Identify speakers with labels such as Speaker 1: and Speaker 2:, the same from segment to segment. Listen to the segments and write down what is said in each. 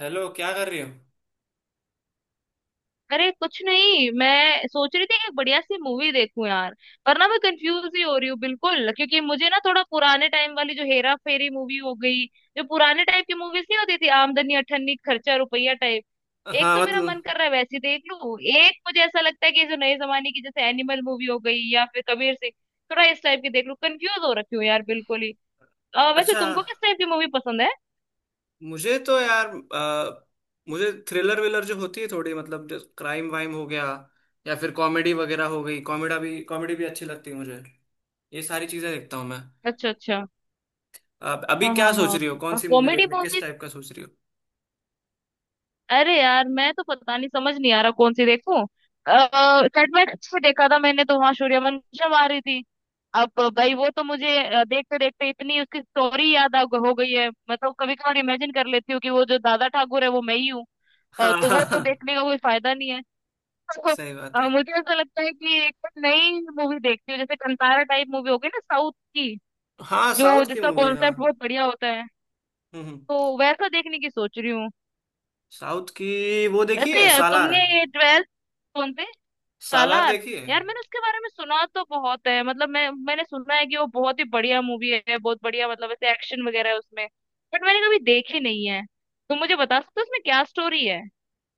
Speaker 1: Hello, क्या कर रही हो?
Speaker 2: अरे कुछ नहीं, मैं सोच रही थी एक बढ़िया सी मूवी देखूं यार। वरना मैं कंफ्यूज ही हो रही हूँ बिल्कुल, क्योंकि मुझे ना थोड़ा पुराने टाइम वाली जो हेरा फेरी मूवी हो गई, जो पुराने टाइप की मूवीज नहीं होती थी, आमदनी अठन्नी खर्चा रुपया टाइप। एक
Speaker 1: हाँ,
Speaker 2: तो मेरा मन
Speaker 1: मतलब
Speaker 2: कर रहा है वैसी देख लूं, एक मुझे ऐसा लगता है कि जो नए जमाने की जैसे एनिमल मूवी हो गई या फिर कबीर सिंह, थोड़ा इस टाइप की देख लूं। कंफ्यूज हो रखी हूँ यार बिल्कुल ही। वैसे
Speaker 1: अच्छा।
Speaker 2: तुमको किस टाइप की मूवी पसंद है?
Speaker 1: मुझे तो यार मुझे थ्रिलर विलर जो होती है थोड़ी, मतलब जो क्राइम वाइम हो गया या फिर कॉमेडी वगैरह हो गई। कॉमेडा भी, कॉमेडी भी अच्छी लगती है मुझे। ये सारी चीजें देखता हूँ मैं।
Speaker 2: अच्छा अच्छा।
Speaker 1: अब अभी
Speaker 2: हाँ
Speaker 1: क्या
Speaker 2: हाँ
Speaker 1: सोच
Speaker 2: हाँ,
Speaker 1: रही हो? कौन सी मूवी
Speaker 2: कॉमेडी
Speaker 1: देखने, किस
Speaker 2: मूवीज।
Speaker 1: टाइप का सोच रही हो?
Speaker 2: अरे यार, मैं तो पता नहीं, समझ नहीं आ रहा कौन सी देखूं। सेटमेंट में देखा था मैंने, तो वहां सूर्यवंशम आ रही थी अब। भाई वो तो मुझे देखते देखते इतनी उसकी स्टोरी याद आ हो गई है, मतलब कभी कभार इमेजिन कर लेती हूँ कि वो जो दादा ठाकुर है वो मैं ही हूँ।
Speaker 1: हाँ,
Speaker 2: तो
Speaker 1: हाँ,
Speaker 2: वो तो
Speaker 1: हाँ।
Speaker 2: देखने का कोई फायदा नहीं है।
Speaker 1: सही बात है।
Speaker 2: मुझे ऐसा लगता है कि एक तो नई मूवी देखती हूँ, जैसे कंतारा टाइप मूवी हो गई ना साउथ की,
Speaker 1: हाँ,
Speaker 2: जो
Speaker 1: साउथ की
Speaker 2: जिसका
Speaker 1: मूवी, हाँ।
Speaker 2: कॉन्सेप्ट बहुत बढ़िया होता है,
Speaker 1: हम्म हम्म।
Speaker 2: तो वैसा देखने की सोच रही हूँ।
Speaker 1: साउथ की वो देखी है
Speaker 2: वैसे तुमने
Speaker 1: सालार?
Speaker 2: ये ट्वेल्थ, कौन से
Speaker 1: सालार
Speaker 2: सालार?
Speaker 1: देखी है।
Speaker 2: यार मैंने उसके बारे में सुना तो बहुत है, मतलब मैंने सुना है कि वो बहुत ही बढ़िया मूवी है, बहुत बढ़िया, मतलब ऐसे एक्शन वगैरह है उसमें। बट मैंने कभी देखी नहीं है। तो मुझे बता सकते हो उसमें क्या स्टोरी है?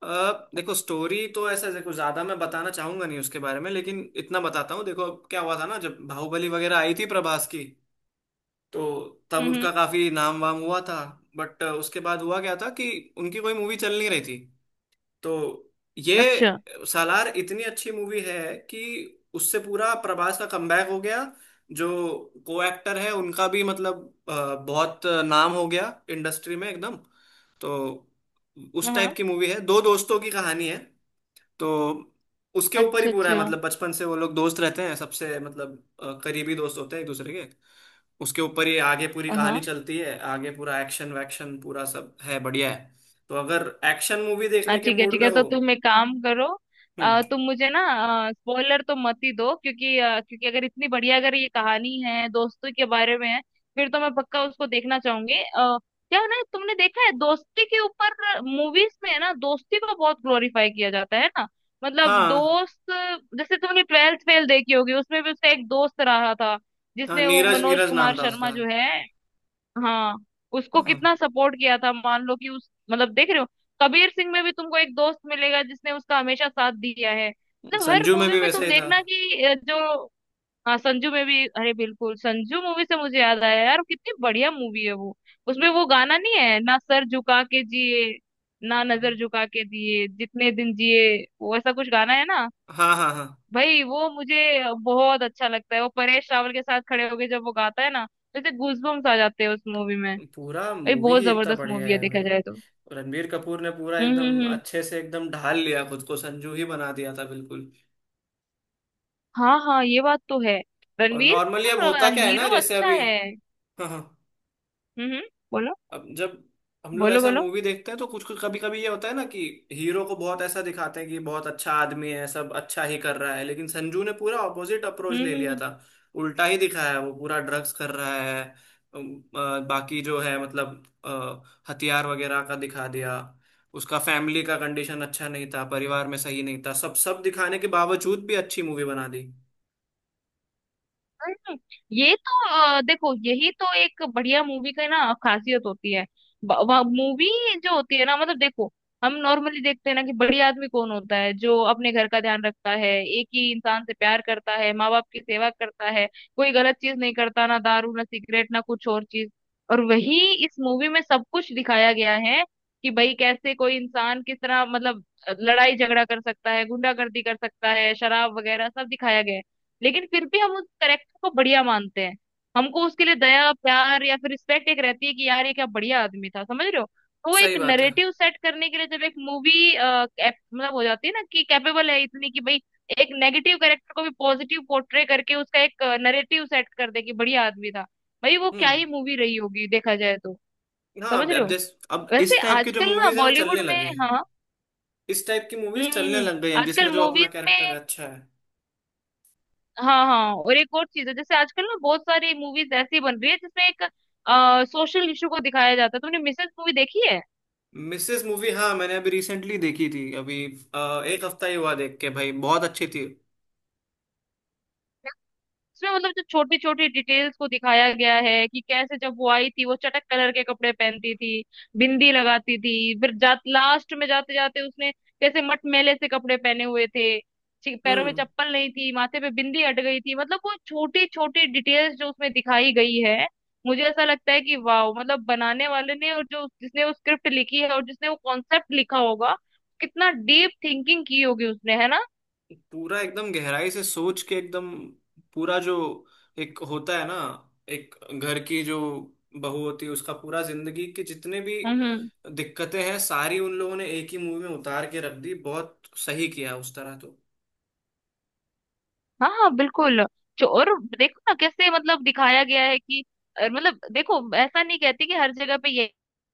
Speaker 1: देखो स्टोरी तो, ऐसा देखो, ज्यादा मैं बताना चाहूंगा नहीं उसके बारे में, लेकिन इतना बताता हूँ। देखो अब क्या हुआ था ना, जब बाहुबली वगैरह आई थी प्रभास की, तो तब
Speaker 2: हम्म हम्म,
Speaker 1: उनका काफी नाम वाम हुआ था। बट उसके बाद हुआ क्या था कि उनकी कोई मूवी चल नहीं रही थी। तो ये
Speaker 2: अच्छा।
Speaker 1: सालार इतनी अच्छी मूवी है कि उससे पूरा प्रभास का कमबैक हो गया। जो को एक्टर है उनका भी, मतलब बहुत नाम हो गया इंडस्ट्री में एकदम। तो उस
Speaker 2: हाँ
Speaker 1: टाइप
Speaker 2: हाँ,
Speaker 1: की मूवी है, दो दोस्तों की कहानी है। तो उसके ऊपर ही
Speaker 2: अच्छा
Speaker 1: पूरा है,
Speaker 2: अच्छा।
Speaker 1: मतलब बचपन से वो लोग दोस्त रहते हैं, सबसे मतलब करीबी दोस्त होते हैं एक दूसरे के। उसके ऊपर ही आगे पूरी कहानी
Speaker 2: हाँ
Speaker 1: चलती है, आगे पूरा एक्शन वैक्शन पूरा सब है, बढ़िया है। तो अगर एक्शन मूवी
Speaker 2: हाँ,
Speaker 1: देखने के
Speaker 2: ठीक है
Speaker 1: मूड
Speaker 2: ठीक
Speaker 1: में
Speaker 2: है,
Speaker 1: हो।
Speaker 2: तो तुम एक काम करो।
Speaker 1: हम्म।
Speaker 2: तुम मुझे ना स्पॉइलर तो मत ही दो, क्योंकि क्योंकि अगर इतनी बढ़िया, अगर ये कहानी है दोस्तों के बारे में है, फिर तो मैं पक्का उसको देखना चाहूंगी। क्या है ना, तुमने देखा है दोस्ती के ऊपर मूवीज में है ना, दोस्ती को बहुत ग्लोरीफाई किया जाता है ना, मतलब
Speaker 1: हाँ
Speaker 2: दोस्त। जैसे तुमने ट्वेल्थ फेल देखी होगी, उसमें भी उसका एक दोस्त रहा था,
Speaker 1: हाँ,
Speaker 2: जिसने वो
Speaker 1: नीरज,
Speaker 2: मनोज
Speaker 1: नीरज
Speaker 2: कुमार
Speaker 1: नाम था
Speaker 2: शर्मा
Speaker 1: उसका।
Speaker 2: जो है, हाँ, उसको
Speaker 1: हाँ,
Speaker 2: कितना सपोर्ट किया था, मान लो कि उस मतलब देख रहे हो। कबीर सिंह में भी तुमको एक दोस्त मिलेगा जिसने उसका हमेशा साथ दिया है, मतलब हर
Speaker 1: संजू में
Speaker 2: मूवी
Speaker 1: भी
Speaker 2: में
Speaker 1: वैसा
Speaker 2: तुम
Speaker 1: ही था।
Speaker 2: देखना कि जो, हाँ संजू में भी, अरे बिल्कुल, संजू मूवी से मुझे याद आया यार, कितनी बढ़िया मूवी है वो। उसमें वो गाना नहीं है ना, सर झुका के जिए ना नजर झुका के, दिए जितने दिन जिए, वो ऐसा कुछ गाना है ना।
Speaker 1: हाँ, हाँ, हाँ।
Speaker 2: भाई वो मुझे बहुत अच्छा लगता है, वो परेश रावल के साथ खड़े होके जब वो गाता है ना, जैसे गूजबम्स आ जाते हैं उस मूवी में।
Speaker 1: पूरा
Speaker 2: भाई
Speaker 1: मूवी
Speaker 2: बहुत
Speaker 1: ही इतना
Speaker 2: जबरदस्त
Speaker 1: बढ़िया
Speaker 2: मूवी है
Speaker 1: है
Speaker 2: देखा
Speaker 1: भाई।
Speaker 2: जाए तो।
Speaker 1: रणबीर कपूर ने पूरा एकदम
Speaker 2: हम्म।
Speaker 1: अच्छे से एकदम ढाल लिया, खुद को संजू ही बना दिया था बिल्कुल।
Speaker 2: हाँ हाँ, ये बात तो है।
Speaker 1: और
Speaker 2: रणवीर
Speaker 1: नॉर्मली अब
Speaker 2: का
Speaker 1: होता क्या है ना,
Speaker 2: हीरो
Speaker 1: जैसे
Speaker 2: अच्छा
Speaker 1: अभी।
Speaker 2: है।
Speaker 1: हाँ हाँ।
Speaker 2: हम्म। बोलो
Speaker 1: अब जब हम लोग
Speaker 2: बोलो
Speaker 1: ऐसा
Speaker 2: बोलो
Speaker 1: मूवी देखते हैं तो कुछ कुछ, कभी कभी ये होता है ना कि हीरो को बहुत ऐसा दिखाते हैं कि बहुत अच्छा आदमी है, सब अच्छा ही कर रहा है। लेकिन संजू ने पूरा ऑपोजिट अप्रोच
Speaker 2: हम्म
Speaker 1: ले
Speaker 2: हम्म
Speaker 1: लिया
Speaker 2: हम्म।
Speaker 1: था। उल्टा ही दिखाया है, वो पूरा ड्रग्स कर रहा है। बाकी जो है मतलब हथियार वगैरह का दिखा दिया। उसका फैमिली का कंडीशन अच्छा नहीं था, परिवार में सही नहीं था, सब सब दिखाने के बावजूद भी अच्छी मूवी बना दी।
Speaker 2: हम्म, ये तो देखो, यही तो एक बढ़िया मूवी का ना खासियत होती है। मूवी जो होती है ना, मतलब देखो, हम नॉर्मली देखते हैं ना कि बड़ी आदमी कौन होता है, जो अपने घर का ध्यान रखता है, एक ही इंसान से प्यार करता है, माँ बाप की सेवा करता है, कोई गलत चीज नहीं करता, ना दारू ना सिगरेट ना कुछ और चीज। और वही इस मूवी में सब कुछ दिखाया गया है, कि भाई कैसे कोई इंसान किस तरह मतलब लड़ाई झगड़ा कर सकता है, गुंडागर्दी कर सकता है, शराब वगैरह सब दिखाया गया है। लेकिन फिर भी हम उस करेक्टर को बढ़िया मानते हैं। हमको उसके लिए दया, प्यार या फिर रिस्पेक्ट एक रहती है, कि यार ये क्या बढ़िया आदमी था, समझ रहे हो। तो वो एक
Speaker 1: सही बात है।
Speaker 2: नरेटिव सेट करने के लिए जब एक मूवी मतलब हो जाती है ना कि कैपेबल है इतनी कि भाई एक नेगेटिव कैरेक्टर को भी पॉजिटिव पोर्ट्रे करके उसका एक नरेटिव सेट कर दे कि बढ़िया आदमी था, भाई वो क्या
Speaker 1: हम्म।
Speaker 2: ही मूवी रही होगी देखा जाए तो।
Speaker 1: हाँ
Speaker 2: समझ
Speaker 1: अब
Speaker 2: रहे
Speaker 1: अब
Speaker 2: हो,
Speaker 1: जैस अब
Speaker 2: वैसे
Speaker 1: इस टाइप की जो
Speaker 2: आजकल ना
Speaker 1: मूवीज है वो
Speaker 2: बॉलीवुड
Speaker 1: चलने
Speaker 2: में,
Speaker 1: लगी हैं।
Speaker 2: हाँ,
Speaker 1: इस टाइप की
Speaker 2: हम्म
Speaker 1: मूवीज
Speaker 2: हम्म
Speaker 1: चलने
Speaker 2: हम्म,
Speaker 1: लग गई हैं जिसमें
Speaker 2: आजकल
Speaker 1: जो अपना
Speaker 2: मूवीज
Speaker 1: कैरेक्टर
Speaker 2: में,
Speaker 1: है, अच्छा है।
Speaker 2: हाँ हाँ, और एक और चीज है, जैसे आजकल ना बहुत सारी मूवीज ऐसी बन रही है जिसमें एक सोशल इशू को दिखाया जाता है। तुमने मिसेस मूवी देखी है?
Speaker 1: मिसेस मूवी, हाँ मैंने अभी रिसेंटली देखी थी अभी। एक हफ्ता ही हुआ देख के, भाई बहुत अच्छी थी।
Speaker 2: इसमें मतलब जो छोटी छोटी डिटेल्स को दिखाया गया है, कि कैसे जब वो आई थी वो चटक कलर के कपड़े पहनती थी, बिंदी लगाती थी, फिर लास्ट में जाते जाते उसने कैसे मटमैले से कपड़े पहने हुए थे, पैरों में
Speaker 1: हम्म।
Speaker 2: चप्पल नहीं थी, माथे पे बिंदी अट गई थी, मतलब वो छोटी छोटी डिटेल्स जो उसमें दिखाई गई है। मुझे ऐसा लगता है कि वाह, मतलब बनाने वाले ने और जो जिसने वो स्क्रिप्ट लिखी है और जिसने वो कॉन्सेप्ट लिखा होगा, कितना डीप थिंकिंग की होगी उसने, है ना।
Speaker 1: पूरा एकदम गहराई से सोच के एकदम। पूरा जो एक होता है ना, एक घर की जो बहू होती है, उसका पूरा जिंदगी के जितने भी
Speaker 2: हम्म,
Speaker 1: दिक्कतें हैं सारी, उन लोगों ने एक ही मूवी में उतार के रख दी। बहुत सही किया उस तरह तो।
Speaker 2: हाँ हाँ बिल्कुल। जो और देखो ना कैसे मतलब दिखाया गया है कि मतलब देखो, ऐसा नहीं कहती कि हर जगह पे ये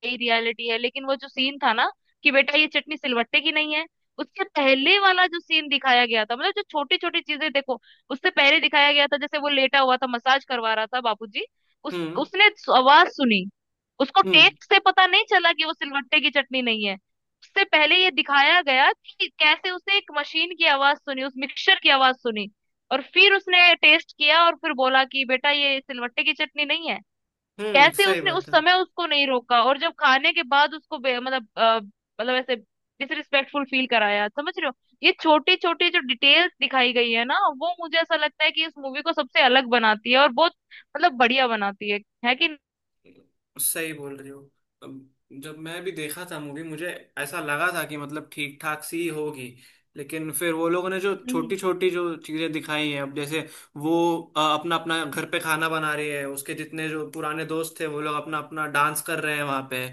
Speaker 2: यही रियलिटी है, लेकिन वो जो सीन था ना कि बेटा ये चटनी सिलवट्टे की नहीं है, उसके पहले वाला जो सीन दिखाया गया था, मतलब जो छोटी छोटी चीजें देखो, उससे पहले दिखाया गया था जैसे वो लेटा हुआ था, मसाज करवा रहा था बाबूजी, उस
Speaker 1: हम्म
Speaker 2: उसने आवाज सुनी, उसको
Speaker 1: हम्म
Speaker 2: टेस्ट से पता नहीं चला कि वो सिलवट्टे की चटनी नहीं है। उससे पहले ये दिखाया गया कि कैसे उसे एक मशीन की आवाज सुनी, उस मिक्सचर की आवाज सुनी, और फिर उसने टेस्ट किया और फिर बोला कि बेटा ये सिलवट्टे की चटनी नहीं है।
Speaker 1: हम्म।
Speaker 2: कैसे
Speaker 1: सही
Speaker 2: उसने उस
Speaker 1: बात है।
Speaker 2: समय उसको नहीं रोका, और जब खाने के बाद उसको मतलब ऐसे डिसरिस्पेक्टफुल फील कराया, समझ रहे हो। ये छोटी छोटी जो डिटेल्स दिखाई गई है ना, वो मुझे ऐसा लगता है कि इस मूवी को सबसे अलग बनाती है और बहुत मतलब बढ़िया बनाती है कि नहीं।
Speaker 1: सही बोल रही हो। अब जब मैं भी देखा था मूवी, मुझे ऐसा लगा था कि मतलब ठीक ठाक सी ही होगी। लेकिन फिर वो लोगों ने जो
Speaker 2: हम्म
Speaker 1: छोटी छोटी जो चीजें दिखाई हैं, अब जैसे वो अपना अपना घर पे खाना बना रही है, उसके जितने जो पुराने दोस्त थे वो लोग अपना अपना डांस कर रहे हैं वहां पे,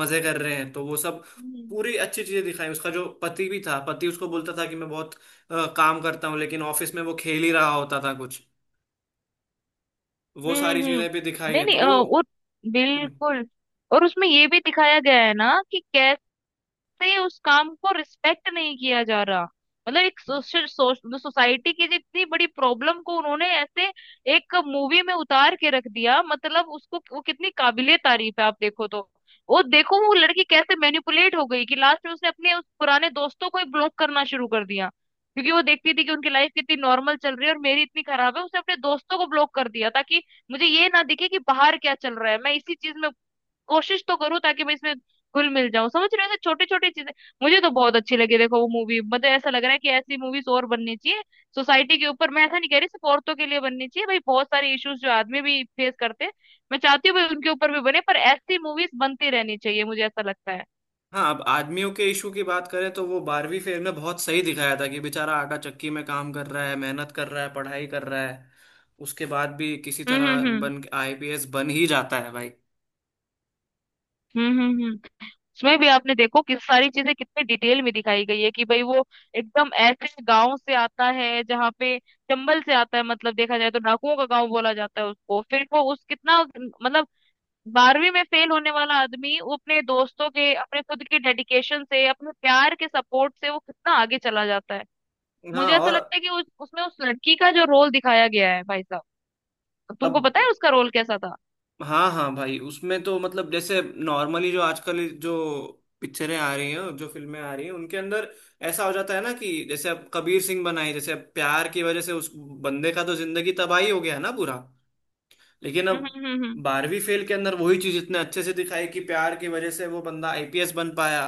Speaker 1: मजे कर रहे हैं, तो वो सब
Speaker 2: हम्म
Speaker 1: पूरी अच्छी चीजें दिखाई। उसका जो पति भी था, पति उसको बोलता था कि मैं बहुत काम करता हूँ, लेकिन ऑफिस में वो खेल ही रहा होता था कुछ। वो सारी
Speaker 2: हम्म, हम्म।
Speaker 1: चीजें भी दिखाई
Speaker 2: नहीं
Speaker 1: है तो
Speaker 2: नहीं,
Speaker 1: वो।
Speaker 2: वो
Speaker 1: हम्म।
Speaker 2: बिल्कुल। और उसमें ये भी दिखाया गया है ना कि कैसे से उस काम को रिस्पेक्ट नहीं किया जा रहा, मतलब एक सोशल सोसाइटी की जितनी बड़ी प्रॉब्लम को उन्होंने ऐसे एक मूवी में उतार के रख दिया, मतलब उसको, वो कितनी काबिले तारीफ है आप देखो तो। वो देखो वो लड़की कैसे मैनिपुलेट हो गई कि लास्ट में उसने अपने उस पुराने दोस्तों को ही ब्लॉक करना शुरू कर दिया, क्योंकि वो देखती थी कि उनकी लाइफ कितनी नॉर्मल चल रही है और मेरी इतनी खराब है। उसने अपने दोस्तों को ब्लॉक कर दिया ताकि मुझे ये ना दिखे कि बाहर क्या चल रहा है, मैं इसी चीज में कोशिश तो करूँ ताकि मैं इसमें घुल मिल जाऊं, समझ रहे हो, ऐसे छोटी छोटी चीजें मुझे तो बहुत अच्छी लगी। देखो वो मूवी, मतलब ऐसा लग रहा है कि ऐसी मूवीज और बननी चाहिए, सोसाइटी के ऊपर। मैं ऐसा नहीं कह रही सिर्फ औरतों के लिए बननी चाहिए भाई, बहुत सारे इश्यूज जो आदमी भी फेस करते हैं, मैं चाहती हूँ भाई उनके ऊपर भी बने, पर ऐसी मूवीज बनती रहनी चाहिए, मुझे ऐसा लगता है।
Speaker 1: हाँ, अब आदमियों के इशू की बात करें तो वो बारहवीं फेल में बहुत सही दिखाया था कि बेचारा आटा चक्की में काम कर रहा है, मेहनत कर रहा है, पढ़ाई कर रहा है, उसके बाद भी किसी
Speaker 2: हम्म
Speaker 1: तरह
Speaker 2: हम्म
Speaker 1: बन आईपीएस बन ही जाता है भाई।
Speaker 2: हम्म हम्म हम्म हम्म। उसमें भी आपने देखो कि सारी चीजें कितने डिटेल में दिखाई गई है, कि भाई वो एकदम ऐसे गांव से आता है जहाँ पे, चंबल से आता है, मतलब देखा जाए तो डाकुओं का गांव बोला जाता है उसको, फिर वो उस कितना मतलब 12वीं में फेल होने वाला आदमी वो अपने दोस्तों के, अपने खुद के डेडिकेशन से, अपने प्यार के सपोर्ट से वो कितना आगे चला जाता है। मुझे
Speaker 1: हाँ
Speaker 2: ऐसा
Speaker 1: और,
Speaker 2: लगता है कि उसमें उस लड़की का जो रोल दिखाया गया है भाई साहब, तुमको
Speaker 1: अब
Speaker 2: पता है उसका रोल कैसा था?
Speaker 1: हाँ हाँ भाई उसमें तो मतलब जैसे नॉर्मली जो आजकल जो पिक्चरें आ रही हैं, जो फिल्में आ रही हैं उनके अंदर ऐसा हो जाता है ना कि जैसे अब कबीर सिंह बनाई, जैसे अब प्यार की वजह से उस बंदे का तो जिंदगी तबाही हो गया ना पूरा। लेकिन
Speaker 2: हम्म
Speaker 1: अब
Speaker 2: हम्म हम्म हम्म
Speaker 1: बारहवीं फेल के अंदर वही चीज इतने अच्छे से दिखाई कि प्यार की वजह से वो बंदा आईपीएस बन पाया।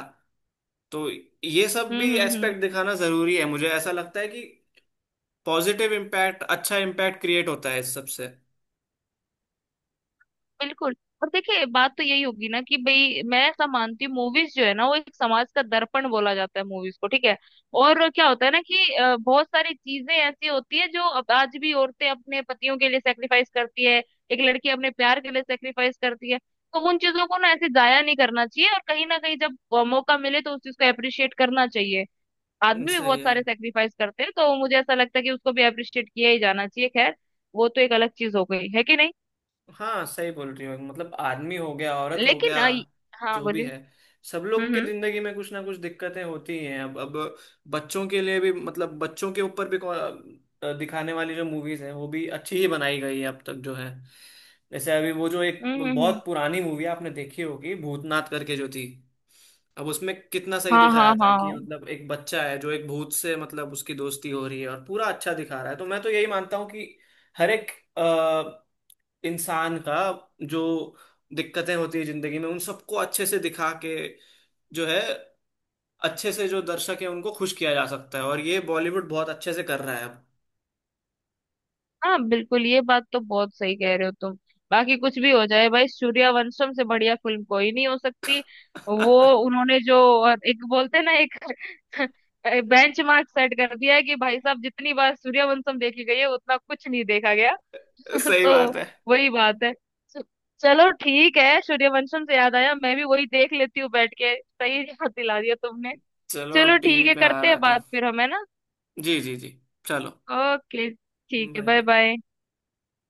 Speaker 1: तो ये सब भी
Speaker 2: हम्म हम्म हम्म।
Speaker 1: एस्पेक्ट दिखाना जरूरी है। मुझे ऐसा लगता है कि पॉजिटिव इम्पैक्ट, अच्छा इम्पैक्ट क्रिएट होता है इस सबसे।
Speaker 2: बिल्कुल। और देखिए बात तो यही होगी ना कि भाई मैं ऐसा मानती हूँ, मूवीज जो है ना वो एक समाज का दर्पण बोला जाता है मूवीज को, ठीक है। और क्या होता है ना कि बहुत सारी चीजें ऐसी होती है जो अब आज भी औरतें अपने पतियों के लिए सेक्रीफाइस करती है, एक लड़की अपने प्यार के लिए सेक्रीफाइस करती है, तो उन चीजों को ना ऐसे जाया नहीं करना चाहिए, और कहीं ना कहीं जब मौका मिले तो उस चीज को अप्रिशिएट करना चाहिए। आदमी भी
Speaker 1: सही
Speaker 2: बहुत
Speaker 1: है।
Speaker 2: सारे सेक्रीफाइस करते हैं, तो मुझे ऐसा लगता है कि उसको भी अप्रिशिएट किया ही जाना चाहिए, खैर वो तो एक अलग चीज हो गई है, कि नहीं।
Speaker 1: हाँ सही बोल रही हो, मतलब आदमी हो गया, औरत हो
Speaker 2: लेकिन
Speaker 1: गया,
Speaker 2: हाँ
Speaker 1: जो भी
Speaker 2: बोलिए।
Speaker 1: है, सब लोग
Speaker 2: हम्म
Speaker 1: के
Speaker 2: हम्म
Speaker 1: जिंदगी में कुछ ना कुछ दिक्कतें होती ही हैं। अब बच्चों के लिए भी, मतलब बच्चों के ऊपर भी दिखाने वाली जो मूवीज हैं वो भी अच्छी ही बनाई गई है अब तक जो है। जैसे अभी वो जो एक
Speaker 2: हम्म हम्म हम्म।
Speaker 1: बहुत पुरानी मूवी है आपने देखी होगी, भूतनाथ करके जो थी। अब उसमें कितना सही
Speaker 2: हाँ
Speaker 1: दिखाया
Speaker 2: हाँ
Speaker 1: था
Speaker 2: हाँ,
Speaker 1: कि मतलब एक बच्चा है जो एक भूत से, मतलब उसकी दोस्ती हो रही है और पूरा अच्छा दिखा रहा है। तो मैं तो यही मानता हूँ कि हर एक इंसान का जो दिक्कतें होती है जिंदगी में, उन सबको अच्छे से दिखा के जो है, अच्छे से जो दर्शक है उनको खुश किया जा सकता है, और ये बॉलीवुड बहुत अच्छे से कर रहा है अब।
Speaker 2: हाँ बिल्कुल, ये बात तो बहुत सही कह रहे हो तुम। बाकी कुछ भी हो जाए भाई, सूर्यवंशम से बढ़िया फिल्म कोई नहीं हो सकती। वो उन्होंने जो, और एक बोलते हैं ना एक, बेंच मार्क सेट कर दिया है कि भाई साहब जितनी बार सूर्यवंशम देखी गई है उतना कुछ नहीं देखा गया।
Speaker 1: सही
Speaker 2: तो
Speaker 1: बात है।
Speaker 2: वही बात है। चलो ठीक है, सूर्यवंशम से याद आया, मैं भी वही देख लेती हूँ बैठ के, सही याद दिला दिया तुमने।
Speaker 1: चलो
Speaker 2: चलो
Speaker 1: अब टीवी
Speaker 2: ठीक है,
Speaker 1: पे आ
Speaker 2: करते
Speaker 1: रहा है
Speaker 2: हैं
Speaker 1: तो।
Speaker 2: बात फिर हम, है ना।
Speaker 1: जी जी जी। चलो।
Speaker 2: ओके, ठीक है,
Speaker 1: बाय
Speaker 2: बाय
Speaker 1: बाय।
Speaker 2: बाय।